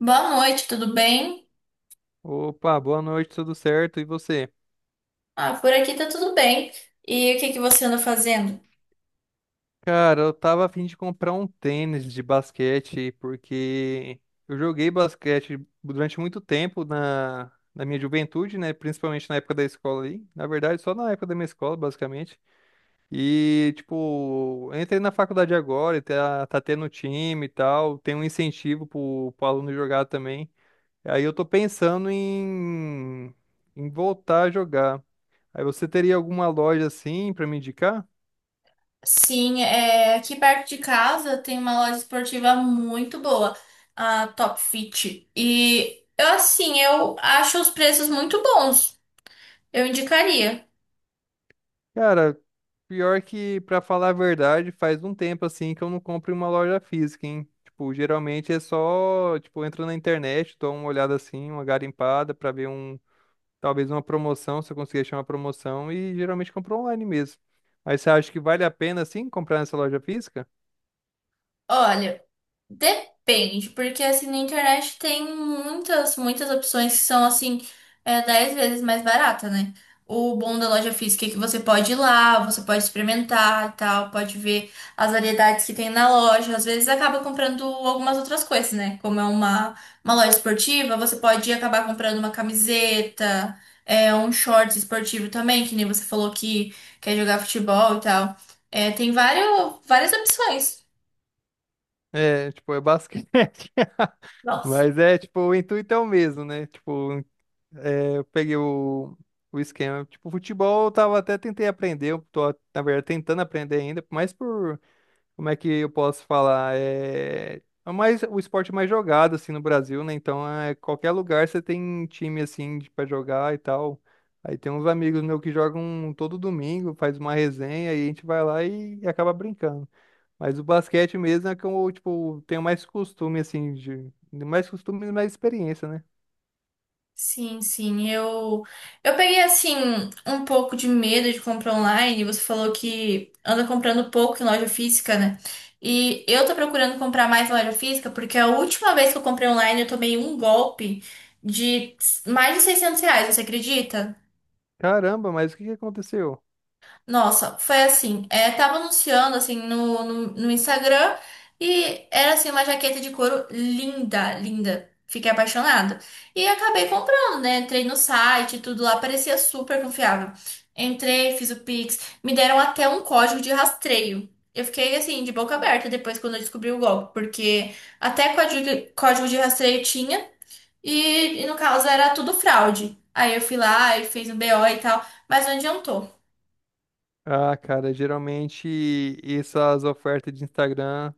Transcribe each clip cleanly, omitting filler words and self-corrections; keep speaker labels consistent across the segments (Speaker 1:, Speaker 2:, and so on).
Speaker 1: Boa noite, tudo bem?
Speaker 2: Opa, boa noite, tudo certo? E você?
Speaker 1: Ah, por aqui tá tudo bem. E o que que você anda fazendo?
Speaker 2: Cara, eu tava a fim de comprar um tênis de basquete porque eu joguei basquete durante muito tempo na minha juventude, né? Principalmente na época da escola aí. Na verdade, só na época da minha escola, basicamente. E, tipo, eu entrei na faculdade agora, e tá tendo time e tal, tem um incentivo pro aluno jogar também. Aí eu tô pensando em, Em voltar a jogar. Aí você teria alguma loja assim pra me indicar?
Speaker 1: Sim, aqui perto de casa tem uma loja esportiva muito boa, a Top Fit. E eu assim, eu acho os preços muito bons. Eu indicaria.
Speaker 2: Cara, pior que, pra falar a verdade, faz um tempo assim que eu não compro em uma loja física, hein? Tipo, geralmente é só, tipo, eu entro na internet, dou uma olhada assim, uma garimpada pra ver um, talvez uma promoção, se eu conseguir achar uma promoção, e geralmente compro online mesmo. Mas você acha que vale a pena, assim, comprar nessa loja física?
Speaker 1: Olha. Depende, porque assim na internet tem muitas opções que são assim, 10 vezes mais barata, né? O bom da loja física é que você pode ir lá, você pode experimentar e tal, pode ver as variedades que tem na loja. Às vezes acaba comprando algumas outras coisas, né? Como é uma loja esportiva, você pode acabar comprando uma camiseta, um short esportivo também, que nem você falou que quer jogar futebol e tal. É, tem várias opções.
Speaker 2: É, tipo, é basquete.
Speaker 1: Nossa.
Speaker 2: Mas é, tipo, o intuito é o mesmo, né? Tipo, eu peguei o esquema. Tipo, futebol eu tava até tentei aprender, eu tô, na verdade, tentando aprender ainda, mas por, como é que eu posso falar? É, é mais, o esporte mais jogado, assim, no Brasil, né? Então, é, qualquer lugar você tem time, assim, de, pra jogar e tal. Aí tem uns amigos meus que jogam todo domingo, faz uma resenha, e a gente vai lá e acaba brincando. Mas o basquete mesmo é que eu, tipo, tenho mais costume, assim, de, mais costume e mais experiência, né?
Speaker 1: Sim, sim, eu peguei assim um pouco de medo de comprar online. Você falou que anda comprando pouco em loja física, né? E eu tô procurando comprar mais em loja física porque a última vez que eu comprei online eu tomei um golpe de mais de R$ 600, você acredita?
Speaker 2: Caramba, mas o que que aconteceu?
Speaker 1: Nossa, foi assim, é, tava anunciando assim no Instagram e era assim uma jaqueta de couro linda, linda. Fiquei apaixonada. E acabei comprando, né? Entrei no site, tudo lá parecia super confiável. Entrei, fiz o Pix, me deram até um código de rastreio. Eu fiquei assim de boca aberta depois quando eu descobri o golpe, porque até código de rastreio tinha e no caso era tudo fraude. Aí eu fui lá e fiz um BO e tal, mas não adiantou.
Speaker 2: Ah, cara, geralmente essas ofertas de Instagram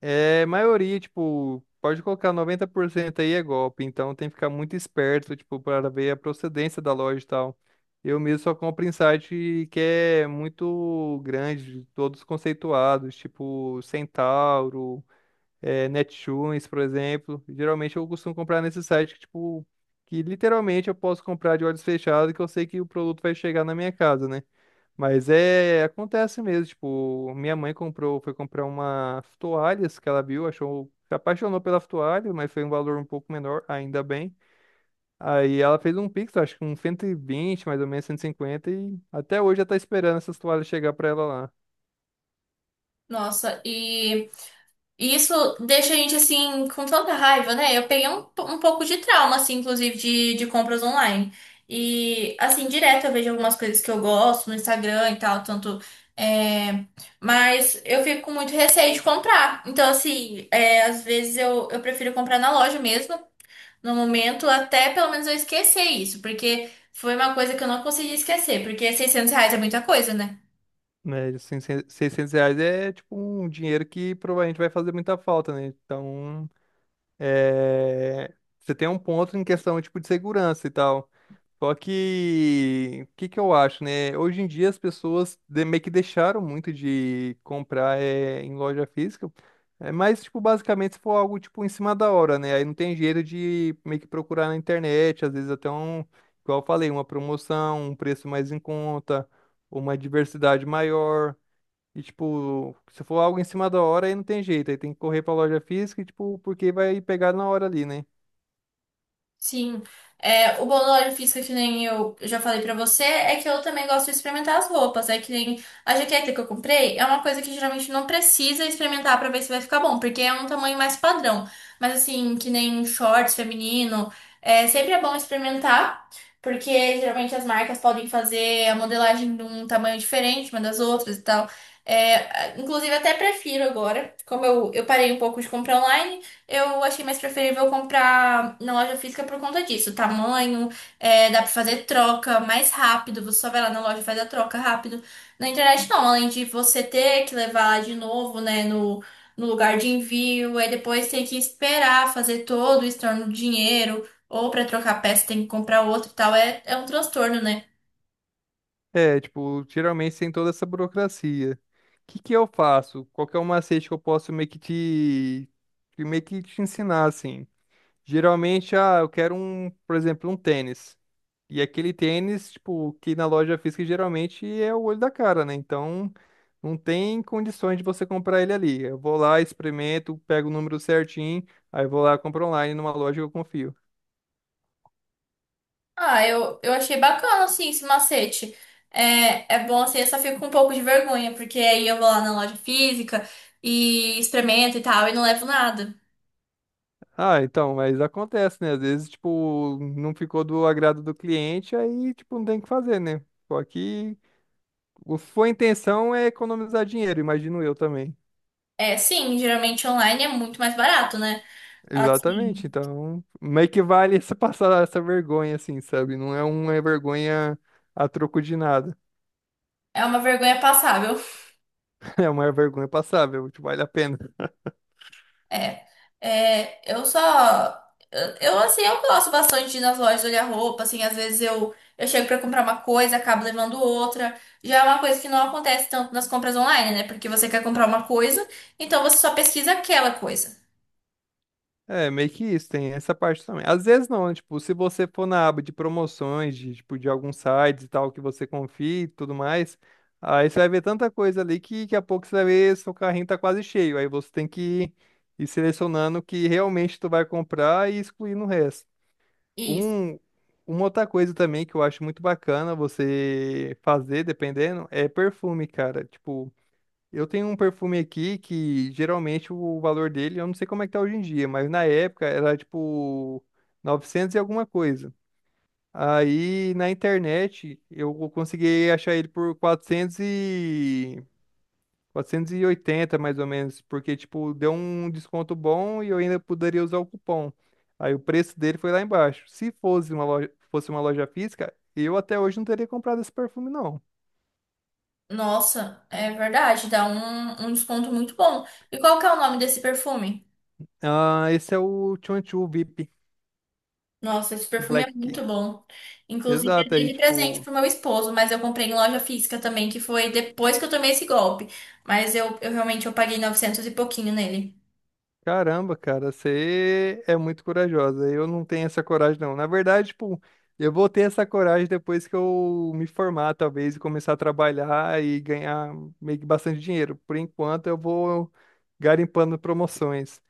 Speaker 2: é maioria, tipo, pode colocar 90% aí é golpe, então tem que ficar muito esperto, tipo, para ver a procedência da loja e tal. Eu mesmo só compro em site que é muito grande, todos conceituados, tipo Centauro, é, Netshoes, por exemplo. Geralmente eu costumo comprar nesse site que, tipo, que literalmente eu posso comprar de olhos fechados, que eu sei que o produto vai chegar na minha casa, né? Mas é, acontece mesmo, tipo, minha mãe comprou, foi comprar uma toalhas que ela viu, achou, se apaixonou pela toalha, mas foi um valor um pouco menor, ainda bem. Aí ela fez um pix, acho que uns 120 mais ou menos 150 e até hoje ela tá esperando essas toalhas chegar pra ela lá.
Speaker 1: Nossa, e isso deixa a gente assim com tanta raiva, né? Eu peguei um, um pouco de trauma, assim, inclusive, de compras online. E assim, direto eu vejo algumas coisas que eu gosto no Instagram e tal, tanto. É, mas eu fico com muito receio de comprar. Então, assim, é, às vezes eu prefiro comprar na loja mesmo, no momento, até pelo menos eu esquecer isso, porque foi uma coisa que eu não consegui esquecer, porque R$ 600 é muita coisa, né?
Speaker 2: Né, assim, se- R$ 600 é, tipo, um dinheiro que provavelmente vai fazer muita falta, né? Então, é... você tem um ponto em questão, tipo, de segurança e tal. Só que, o que que eu acho, né? Hoje em dia as pessoas de- meio que deixaram muito de comprar eh, em loja física, é, mas, tipo, basicamente se for algo, tipo, em cima da hora, né? Aí não tem jeito de meio que procurar na internet, às vezes até um, igual eu falei, uma promoção, um preço mais em conta, uma diversidade maior, e, tipo, se for algo em cima da hora, aí não tem jeito, aí tem que correr pra loja física, e, tipo, porque vai pegar na hora ali, né?
Speaker 1: Sim. É, o bom da loja física, que nem eu já falei pra você, é que eu também gosto de experimentar as roupas. É que nem a jaqueta que eu comprei, é uma coisa que geralmente não precisa experimentar pra ver se vai ficar bom, porque é um tamanho mais padrão. Mas assim, que nem shorts feminino, sempre é bom experimentar, porque geralmente as marcas podem fazer a modelagem de um tamanho diferente uma das outras e tal. É, inclusive, até prefiro agora, eu parei um pouco de comprar online, eu achei mais preferível comprar na loja física por conta disso. Tamanho, é, dá pra fazer troca mais rápido. Você só vai lá na loja e faz a troca rápido. Na internet não, além de você ter que levar lá de novo, né, no lugar de envio, aí depois tem que esperar fazer todo o estorno do dinheiro, ou pra trocar peça tem que comprar outro e tal. É, é um transtorno, né?
Speaker 2: É, tipo, geralmente tem toda essa burocracia. O que que eu faço? Qual que é o macete que eu posso meio que te, que meio que te ensinar, assim? Geralmente, ah, eu quero um, por exemplo, um tênis. E aquele tênis, tipo, que na loja física geralmente é o olho da cara, né? Então, não tem condições de você comprar ele ali. Eu vou lá, experimento, pego o número certinho, aí vou lá, compro online numa loja que eu confio.
Speaker 1: Ah, eu achei bacana, assim, esse macete. É, é bom, assim, eu só fico com um pouco de vergonha, porque aí eu vou lá na loja física e experimento e tal, e não levo nada.
Speaker 2: Ah, então, mas acontece, né? Às vezes, tipo, não ficou do agrado do cliente, aí, tipo, não tem o que fazer, né? Só que o- sua intenção é economizar dinheiro, imagino eu também.
Speaker 1: É, sim, geralmente online é muito mais barato, né?
Speaker 2: Exatamente,
Speaker 1: Assim,
Speaker 2: então, meio que vale essa passar essa vergonha, assim, sabe? Não é uma vergonha a troco de nada.
Speaker 1: é uma vergonha passável.
Speaker 2: É uma vergonha passável, tipo, vale a pena.
Speaker 1: É, é, eu só. Assim, eu gosto bastante de ir nas lojas olhar roupa, assim, às vezes eu chego pra comprar uma coisa, acabo levando outra. Já é uma coisa que não acontece tanto nas compras online, né? Porque você quer comprar uma coisa, então você só pesquisa aquela coisa.
Speaker 2: É, meio que isso, tem essa parte também. Às vezes não, né? Tipo, se você for na aba de promoções, de, tipo, de alguns sites e tal, que você confie e tudo mais, aí você vai ver tanta coisa ali que daqui a pouco você vai ver seu carrinho tá quase cheio. Aí você tem que ir selecionando o que realmente tu vai comprar e excluindo o resto.
Speaker 1: Isso.
Speaker 2: Um, uma outra coisa também que eu acho muito bacana você fazer, dependendo, é perfume, cara. Tipo, eu tenho um perfume aqui que geralmente o valor dele, eu não sei como é que tá hoje em dia, mas na época era tipo 900 e alguma coisa. Aí na internet eu consegui achar ele por 480 mais ou menos, porque tipo deu um desconto bom e eu ainda poderia usar o cupom. Aí o preço dele foi lá embaixo. Se fosse uma loja, fosse uma loja física, eu até hoje não teria comprado esse perfume não.
Speaker 1: Nossa, é verdade, dá um desconto muito bom. E qual que é o nome desse perfume?
Speaker 2: Ah, esse é o Chonchu VIP
Speaker 1: Nossa, esse perfume é
Speaker 2: Black.
Speaker 1: muito bom. Inclusive, eu
Speaker 2: Exato,
Speaker 1: dei
Speaker 2: aí
Speaker 1: de presente
Speaker 2: tipo,
Speaker 1: pro meu esposo, mas eu comprei em loja física também, que foi depois que eu tomei esse golpe. Mas eu realmente eu paguei 900 e pouquinho nele.
Speaker 2: caramba, cara, você é muito corajosa. Eu não tenho essa coragem, não. Na verdade, tipo, eu vou ter essa coragem depois que eu me formar, talvez, e começar a trabalhar e ganhar meio que bastante dinheiro. Por enquanto, eu vou garimpando promoções.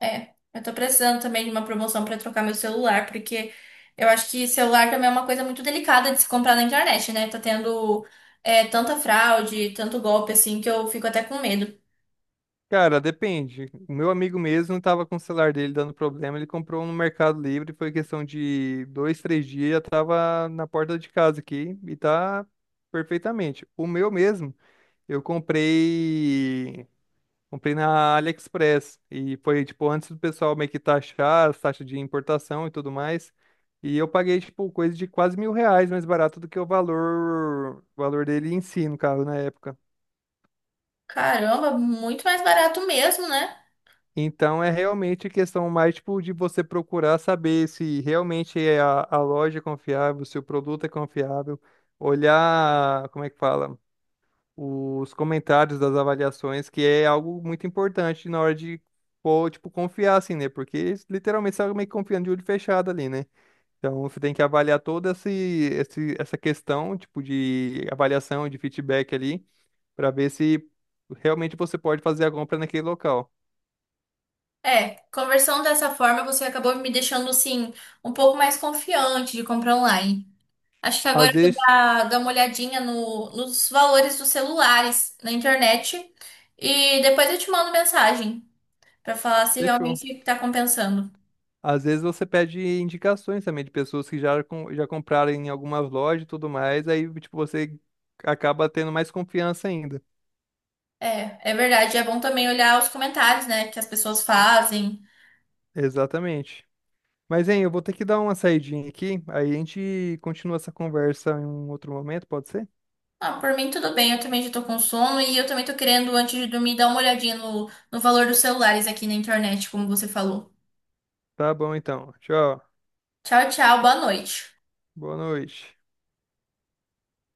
Speaker 1: É, eu tô precisando também de uma promoção pra trocar meu celular, porque eu acho que celular também é uma coisa muito delicada de se comprar na internet, né? Tá tendo é, tanta fraude, tanto golpe assim, que eu fico até com medo.
Speaker 2: Cara, depende. O meu amigo mesmo estava com o celular dele dando problema, ele comprou um no Mercado Livre, foi questão de dois, três dias, já tava na porta de casa aqui e tá perfeitamente. O meu mesmo. Eu comprei. Comprei na AliExpress. E foi, tipo, antes do pessoal meio que taxar as taxas de importação e tudo mais. E eu paguei, tipo, coisa de quase R$ 1.000 mais barato do que o valor dele em si, no caso, na época.
Speaker 1: Caramba, muito mais barato mesmo, né?
Speaker 2: Então é realmente questão mais, tipo, de você procurar saber se realmente é a loja é confiável, se o produto é confiável, olhar, como é que fala? Os comentários das avaliações, que é algo muito importante na hora de, pô, tipo, confiar, assim, né? Porque eles literalmente você tá meio que confiando de olho fechado ali, né? Então você tem que avaliar toda esse, esse, essa questão, tipo, de avaliação, de feedback ali, para ver se realmente você pode fazer a compra naquele local.
Speaker 1: É, conversando dessa forma, você acabou me deixando, assim, um pouco mais confiante de comprar online. Acho que
Speaker 2: Às
Speaker 1: agora eu vou
Speaker 2: vezes,
Speaker 1: dar uma olhadinha nos valores dos celulares na internet e depois eu te mando mensagem pra falar se
Speaker 2: fechou.
Speaker 1: realmente tá compensando.
Speaker 2: Às vezes você pede indicações também de pessoas que já, com- já compraram em algumas lojas e tudo mais, aí, tipo, você acaba tendo mais confiança ainda.
Speaker 1: É, é verdade. É bom também olhar os comentários, né, que as pessoas fazem.
Speaker 2: Exatamente. Mas, hein, eu vou ter que dar uma saidinha aqui, aí a gente continua essa conversa em um outro momento, pode ser?
Speaker 1: Ah, por mim tudo bem, eu também já tô com sono e eu também tô querendo, antes de dormir, dar uma olhadinha no valor dos celulares aqui na internet, como você falou.
Speaker 2: Tá bom, então. Tchau.
Speaker 1: Tchau, tchau, boa noite.
Speaker 2: Boa noite.